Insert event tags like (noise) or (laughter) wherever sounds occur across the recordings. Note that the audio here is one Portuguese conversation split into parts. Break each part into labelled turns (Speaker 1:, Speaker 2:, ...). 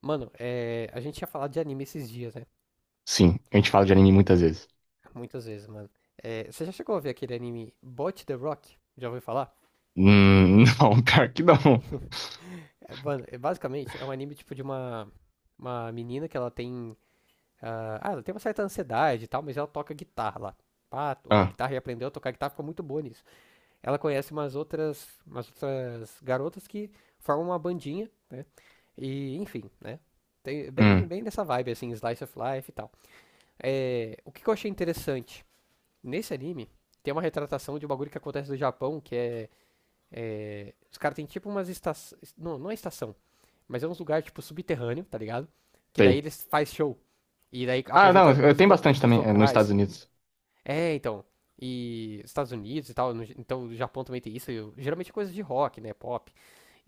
Speaker 1: Mano, a gente tinha falado de anime esses dias, né?
Speaker 2: Sim, a gente fala de anime muitas vezes.
Speaker 1: Muitas vezes, mano. Você já chegou a ver aquele anime Bot the Rock? Já ouviu falar?
Speaker 2: (laughs) Não, pior que não.
Speaker 1: Basicamente é um anime tipo de uma menina que ela tem. Ela tem uma certa ansiedade e tal, mas ela toca guitarra lá. Pá, toca
Speaker 2: Ah,
Speaker 1: guitarra e aprendeu a tocar guitarra, ficou muito boa nisso. Ela conhece umas outras garotas que formam uma bandinha, né? E, enfim, né? Tem, bem,
Speaker 2: hum,
Speaker 1: bem dessa vibe, assim, slice of life e tal. O que que eu achei interessante? Nesse anime, tem uma retratação de um bagulho que acontece no Japão, os caras têm tipo umas estações. Não, não é estação, mas é uns lugares tipo subterrâneo, tá ligado? Que daí
Speaker 2: sei.
Speaker 1: eles faz show. E daí
Speaker 2: Ah, não,
Speaker 1: apresenta
Speaker 2: tem
Speaker 1: música,
Speaker 2: bastante
Speaker 1: músicos
Speaker 2: também, nos Estados
Speaker 1: locais.
Speaker 2: Unidos.
Speaker 1: Então. E Estados Unidos e tal, então o Japão também tem isso. Geralmente é coisa de rock, né? Pop.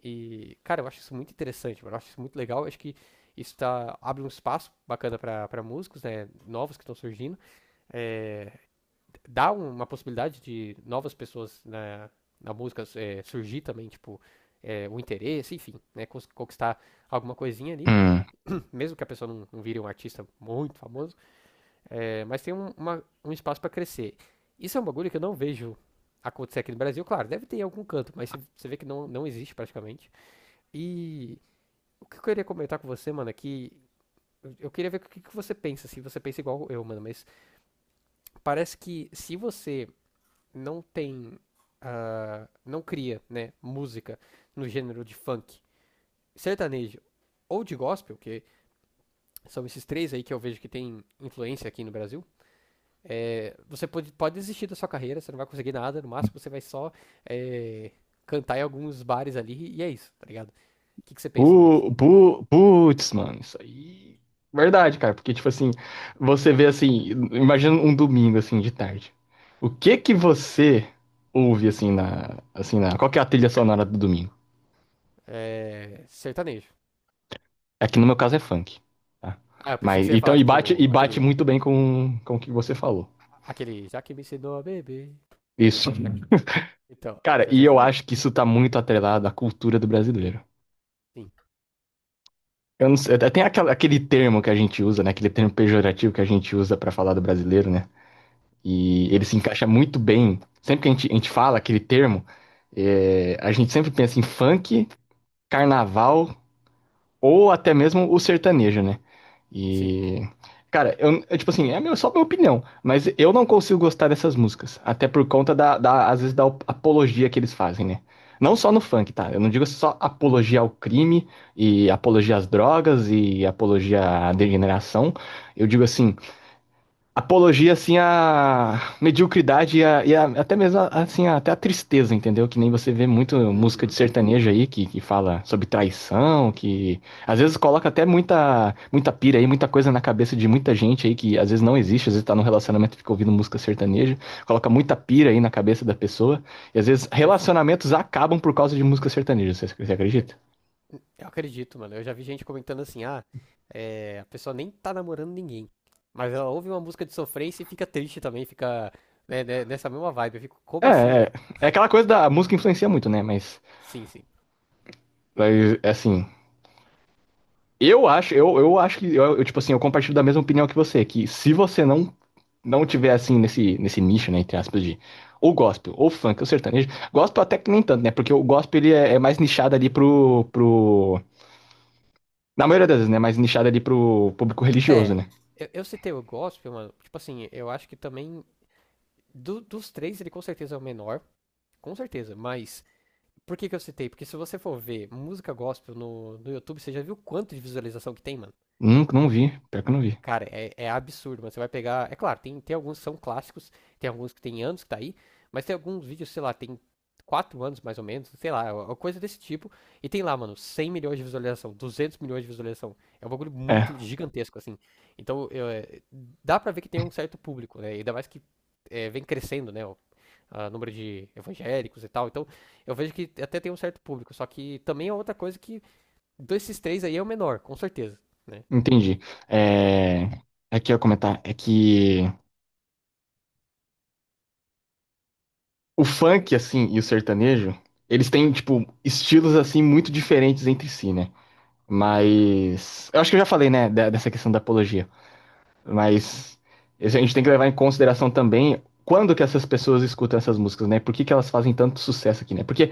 Speaker 1: E, cara, eu acho isso muito interessante, mano. Eu acho isso muito legal. Eu acho que isso tá, abre um espaço bacana pra músicos, né? Novos que estão surgindo. É, Dá um, uma possibilidade de novas pessoas na música, surgir também, tipo, o interesse, enfim, né, conquistar alguma coisinha ali,
Speaker 2: Hum.
Speaker 1: (clears throat) (coughs) mesmo que a pessoa não vire um artista muito famoso, mas tem um, um espaço para crescer. Isso é um bagulho que eu não vejo acontecer aqui no Brasil, claro, deve ter em algum canto, mas você vê que não existe praticamente. E o que eu queria comentar com você, mano, é que eu queria ver o que que você pensa, se você pensa igual eu, mano, mas parece que se você não tem. Não cria, né? Música no gênero de funk, sertanejo ou de gospel, que são esses três aí que eu vejo que tem influência aqui no Brasil. Você pode desistir da sua carreira, você não vai conseguir nada, no máximo você vai só é, cantar em alguns bares ali e é isso, tá ligado? O que, que você pensa sobre isso?
Speaker 2: Putz, mano, isso aí. Verdade, cara, porque, tipo assim, você vê assim, imagina um domingo, assim, de tarde. O que que você ouve, qual que é a trilha sonora do domingo?
Speaker 1: É, sertanejo.
Speaker 2: É que no meu caso é funk, tá?
Speaker 1: Ah, eu pensei que
Speaker 2: Mas,
Speaker 1: você ia
Speaker 2: então,
Speaker 1: falar, tipo,
Speaker 2: e bate
Speaker 1: aquele.
Speaker 2: muito bem com o que você falou.
Speaker 1: Aquele. Já que me ensinou a beber.
Speaker 2: Isso.
Speaker 1: Já que... Então,
Speaker 2: Cara,
Speaker 1: isso é
Speaker 2: e eu
Speaker 1: sertanejo.
Speaker 2: acho que isso tá muito atrelado à cultura do brasileiro.
Speaker 1: Sim.
Speaker 2: Eu não sei, tem aquele termo que a gente usa, né? Aquele termo pejorativo que a gente usa pra falar do brasileiro, né? E ele
Speaker 1: Hum.
Speaker 2: se encaixa muito bem. Sempre que a gente fala aquele termo, a gente sempre pensa em funk, carnaval, ou até mesmo o sertanejo, né?
Speaker 1: Sim.
Speaker 2: E cara, tipo assim, é meu, só minha opinião, mas eu não consigo gostar dessas músicas. Até por conta às vezes, da apologia que eles fazem, né? Não só no funk, tá? Eu não digo só apologia ao crime e apologia às drogas e apologia à degeneração. Eu digo assim, apologia, assim, à mediocridade e até mesmo, assim, até a tristeza, entendeu? Que nem você vê muito música de
Speaker 1: Uhum.
Speaker 2: sertanejo aí, que fala sobre traição, que às vezes coloca até muita pira aí, muita coisa na cabeça de muita gente aí, que às vezes não existe, às vezes tá num relacionamento e fica ouvindo música sertaneja, coloca muita pira aí na cabeça da pessoa, e às vezes
Speaker 1: Eu,
Speaker 2: relacionamentos acabam por causa de música sertaneja, você
Speaker 1: É,
Speaker 2: acredita?
Speaker 1: Eu acredito, mano. Eu já vi gente comentando assim, a pessoa nem tá namorando ninguém. Mas ela ouve uma música de sofrência e fica triste também, fica, né, nessa mesma vibe. Eu fico,
Speaker 2: É,
Speaker 1: como assim, mano?
Speaker 2: é, é aquela coisa da a música influencia muito, né? Mas,
Speaker 1: Sim, sim.
Speaker 2: mas, assim... eu acho que, tipo assim, eu compartilho da mesma opinião que você, que se você não tiver, assim, nesse nicho, né, entre aspas, de ou gospel, ou funk, ou sertanejo, gospel até que nem tanto, né, porque o gospel, é mais nichado ali na maioria das vezes, né, mais nichado ali pro público religioso,
Speaker 1: É,
Speaker 2: né.
Speaker 1: eu citei o gospel, mano. Tipo assim, eu acho que também. Dos três, ele com certeza é o menor. Com certeza, mas. Por que que eu citei? Porque se você for ver música gospel no YouTube, você já viu quanto de visualização que tem, mano?
Speaker 2: Nunca, não vi, pior que eu não vi.
Speaker 1: Cara, é absurdo, mano. Você vai pegar. É claro, tem alguns que são clássicos, tem alguns que tem anos que tá aí, mas tem alguns vídeos, sei lá, tem 4 anos mais ou menos, sei lá, uma coisa desse tipo. E tem lá, mano, 100 milhões de visualização, 200 milhões de visualização. É um bagulho muito
Speaker 2: É,
Speaker 1: gigantesco, assim. Então, dá pra ver que tem um certo público, né? Ainda mais que vem crescendo, né? O a número de evangélicos e tal. Então, eu vejo que até tem um certo público. Só que também é outra coisa que, desses três aí, é o menor, com certeza, né?
Speaker 2: entendi. É, é que eu ia comentar, é que o funk, assim, e o sertanejo, eles têm, tipo, estilos, assim, muito diferentes entre si, né.
Speaker 1: Uhum.
Speaker 2: Mas eu acho que eu já falei, né, dessa questão da apologia. Mas isso a gente tem que levar em consideração também quando que essas pessoas escutam essas músicas, né? Por que que elas fazem tanto sucesso aqui, né? Porque,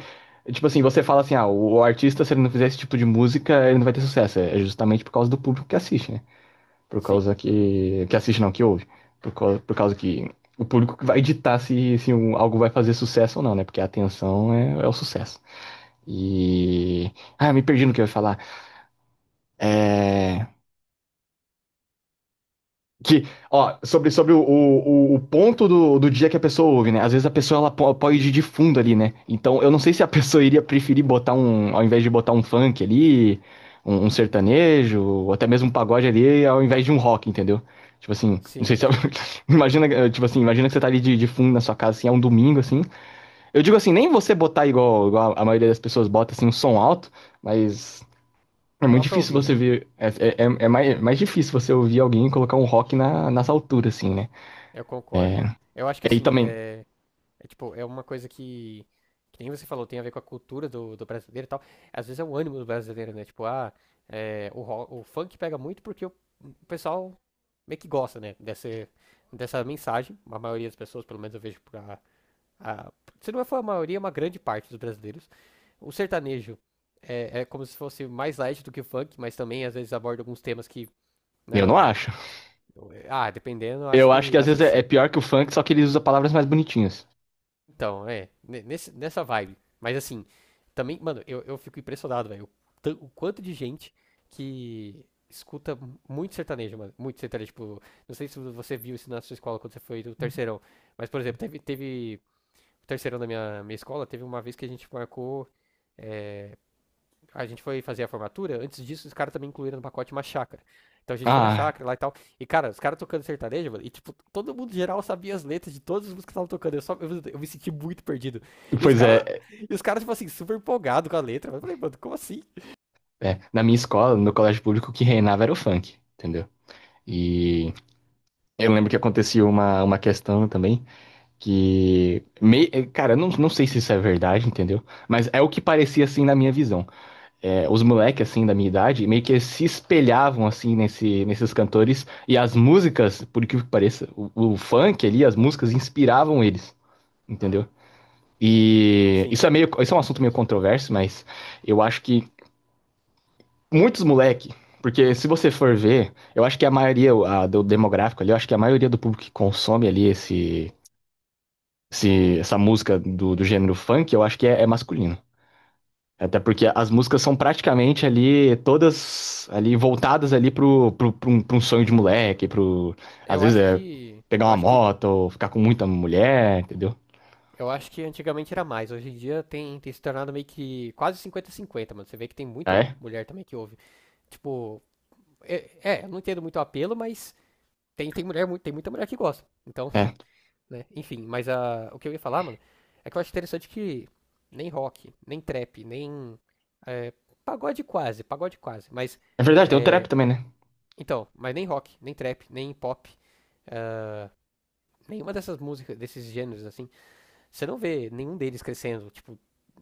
Speaker 2: tipo assim, você fala assim, ah, o artista, se ele não fizer esse tipo de música, ele não vai ter sucesso. É justamente por causa do público que assiste, né? Por
Speaker 1: Sim.
Speaker 2: causa que assiste, não, que ouve. Por causa que. O público que vai ditar se algo vai fazer sucesso ou não, né? Porque a atenção é o sucesso. E ah, me perdi no que eu ia falar. É. Que, ó, sobre o ponto do dia que a pessoa ouve, né? Às vezes a pessoa ela pode
Speaker 1: Hum.
Speaker 2: ir de fundo ali, né? Então eu não sei se a (laughs) pessoa iria preferir botar um, ao invés de botar um funk ali, um sertanejo, ou até mesmo um pagode ali, ao invés de um rock, entendeu? Tipo assim, não
Speaker 1: Sim,
Speaker 2: sei se
Speaker 1: sim.
Speaker 2: (laughs) imagina, tipo assim, imagina que você tá ali de fundo na sua casa, assim, é um domingo, assim. Eu digo assim, nem você botar igual, igual a maioria das pessoas bota, assim, um som alto, mas é
Speaker 1: Só
Speaker 2: muito
Speaker 1: pra
Speaker 2: difícil
Speaker 1: ouvir,
Speaker 2: você
Speaker 1: né?
Speaker 2: ver. É mais difícil você ouvir alguém colocar um rock nas alturas, assim, né?
Speaker 1: Eu concordo,
Speaker 2: É,
Speaker 1: mano. Eu acho que
Speaker 2: e
Speaker 1: assim,
Speaker 2: também,
Speaker 1: é tipo, uma coisa que nem você falou, tem a ver com a cultura do brasileiro e tal. Às vezes é o ânimo do brasileiro, né? Tipo, o funk pega muito porque o pessoal meio que gosta, né? Dessa mensagem. A maioria das pessoas, pelo menos eu vejo pra. A, Se não for a maioria, é uma grande parte dos brasileiros. O sertanejo é como se fosse mais light do que o funk, mas também às vezes aborda alguns temas que,
Speaker 2: eu
Speaker 1: né.
Speaker 2: não
Speaker 1: o
Speaker 2: acho.
Speaker 1: Então, ah, dependendo, eu acho
Speaker 2: Eu acho
Speaker 1: que,
Speaker 2: que às
Speaker 1: acho
Speaker 2: vezes
Speaker 1: que
Speaker 2: é
Speaker 1: sim.
Speaker 2: pior que o funk, só que ele usa palavras mais bonitinhas.
Speaker 1: Então, nessa vibe. Mas assim, também, mano, eu fico impressionado, velho, o quanto de gente que escuta muito sertanejo, mano, muito sertanejo, tipo, não sei se você viu isso na sua escola quando você foi do terceirão, mas, por exemplo, teve o terceirão da minha escola, teve uma vez que a gente marcou, é, a gente foi fazer a formatura, antes disso os caras também incluíram no pacote uma chácara. Então a gente foi na
Speaker 2: Ah,
Speaker 1: chácara lá e tal. E, cara, os caras tocando sertanejo, mano, e tipo, todo mundo geral sabia as letras de todas as músicas que estavam tocando. Eu me senti muito perdido. E os
Speaker 2: pois
Speaker 1: caras,
Speaker 2: é,
Speaker 1: e os caras, tipo assim, super empolgado com a letra. Eu falei, mano, como assim?
Speaker 2: é. Na minha escola, no colégio público, o que reinava era o funk, entendeu?
Speaker 1: Sim,
Speaker 2: E eu lembro que acontecia uma questão também que. Cara, eu não sei se isso é verdade, entendeu? Mas é o que parecia assim na minha visão. É, os moleques, assim, da minha idade, meio que se espelhavam, assim, nesses cantores. E as músicas, por incrível que pareça, o funk ali, as músicas inspiravam eles, entendeu? E
Speaker 1: sim.
Speaker 2: isso é meio, isso é um assunto meio controverso, mas eu acho que muitos moleque, porque se você for ver, eu acho que do demográfico ali, eu acho que a maioria do público que consome ali esse, esse essa música do gênero funk, eu acho que é masculino. Até porque as músicas são praticamente ali, todas ali voltadas ali pra um sonho de moleque,
Speaker 1: Hum,
Speaker 2: pro. Às
Speaker 1: eu
Speaker 2: vezes
Speaker 1: acho
Speaker 2: é
Speaker 1: que.
Speaker 2: pegar
Speaker 1: Eu
Speaker 2: uma
Speaker 1: acho que.
Speaker 2: moto ou ficar com muita mulher, entendeu?
Speaker 1: Eu acho que antigamente era mais. Hoje em dia tem se tornado meio que quase 50 cinquenta, mano. Você vê que tem
Speaker 2: Ah,
Speaker 1: muita
Speaker 2: é,
Speaker 1: mulher também que ouve. Tipo, eu não entendo muito o apelo, mas tem muita mulher que gosta. Então,
Speaker 2: é.
Speaker 1: né? Enfim, mas o que eu ia falar, mano, é que eu acho interessante que nem rock, nem trap, nem. é, Pagode quase, pagode quase. Mas,
Speaker 2: É verdade, tem o trap também, né?
Speaker 1: então, mas nem rock, nem trap, nem pop, nenhuma dessas músicas, desses gêneros, assim, você não vê nenhum deles crescendo, tipo,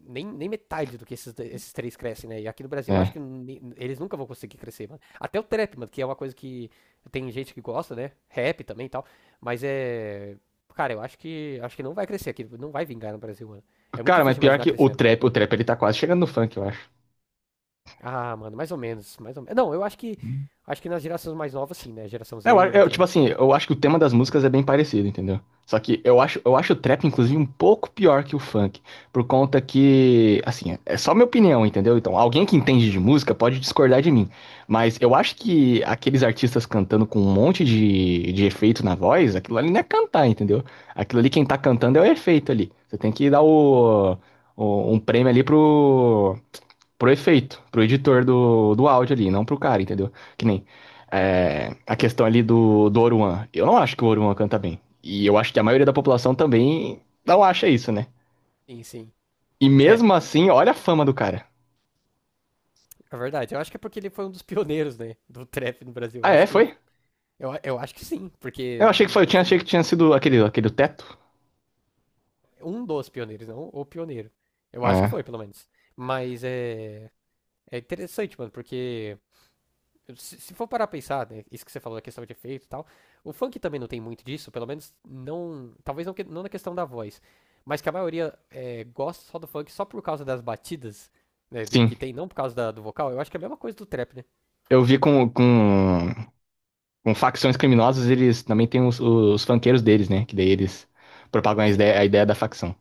Speaker 1: nem metade do que esses três crescem, né? E aqui no Brasil eu acho
Speaker 2: É.
Speaker 1: que eles nunca vão conseguir crescer, mano. Até o trap, mano, que é uma coisa que tem gente que gosta, né? Rap também e tal. Mas é. Cara, eu acho que não vai crescer aqui, não vai vingar no Brasil, mano. É muito
Speaker 2: Cara, mas
Speaker 1: difícil
Speaker 2: pior
Speaker 1: imaginar
Speaker 2: que
Speaker 1: crescendo.
Speaker 2: o trap ele tá quase chegando no funk, eu acho.
Speaker 1: Ah, mano, mais ou menos, mais ou menos. Não, eu acho que nas gerações mais novas sim, né? Geração
Speaker 2: É,
Speaker 1: Z e em
Speaker 2: tipo
Speaker 1: diante.
Speaker 2: assim, eu acho que o tema das músicas é bem parecido, entendeu? Só que eu acho o trap, inclusive, um pouco pior que o funk, por conta que, assim, é só minha opinião, entendeu? Então, alguém que entende de
Speaker 1: Uhum.
Speaker 2: música pode discordar de mim, mas eu acho que aqueles artistas cantando com um monte de efeito na voz, aquilo ali não é cantar, entendeu? Aquilo ali quem tá cantando é o efeito ali. Você tem que dar um prêmio ali pro, pro efeito, pro editor do áudio ali, não pro cara, entendeu? Que nem é, a questão ali do Oruan. Eu não acho que o Oruan canta bem. E eu acho que a maioria da população também não acha isso, né?
Speaker 1: Sim, sim.
Speaker 2: E
Speaker 1: É,
Speaker 2: mesmo assim, olha a fama do cara.
Speaker 1: é verdade. Eu acho que é porque ele foi um dos pioneiros, né, do trap no Brasil.
Speaker 2: Ah, é? Foi?
Speaker 1: Eu acho que sim,
Speaker 2: Eu
Speaker 1: porque
Speaker 2: achei que foi,
Speaker 1: se
Speaker 2: achei que
Speaker 1: não,
Speaker 2: tinha sido aquele, aquele teto.
Speaker 1: um dos pioneiros, não o pioneiro. Eu acho que
Speaker 2: É.
Speaker 1: foi, pelo menos. Mas é interessante, mano, porque se for parar a pensar, né, isso que você falou da questão de efeito e tal, o funk também não tem muito disso, pelo menos não, talvez não, não na questão da voz, mas que a maioria gosta só do funk só por causa das batidas, né,
Speaker 2: Sim.
Speaker 1: que tem, não por causa do vocal. Eu acho que é a mesma coisa do trap, né?
Speaker 2: Eu vi com facções criminosas, eles também têm os funkeiros deles, né? Que daí eles propagam
Speaker 1: Sim,
Speaker 2: a ideia da facção.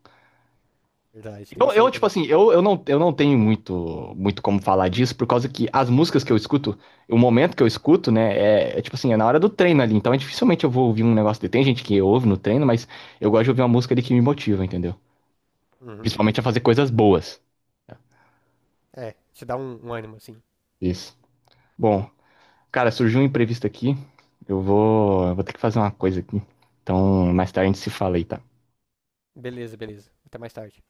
Speaker 1: verdade, tem isso aí
Speaker 2: Tipo
Speaker 1: também.
Speaker 2: assim, eu não tenho muito como falar disso, por causa que as músicas que eu escuto, o momento que eu escuto, né, tipo assim, é na hora do treino ali. Então, é, dificilmente eu vou ouvir um negócio de. Tem gente que ouve no treino, mas eu gosto de ouvir uma música ali que me motiva, entendeu?
Speaker 1: Uhum.
Speaker 2: Principalmente a fazer coisas boas.
Speaker 1: É, te dá um, ânimo, assim.
Speaker 2: Isso. Bom, cara, surgiu um imprevisto aqui. Eu vou ter que fazer uma coisa aqui. Então, mais tarde a gente se fala aí, tá?
Speaker 1: Beleza, beleza. Até mais tarde.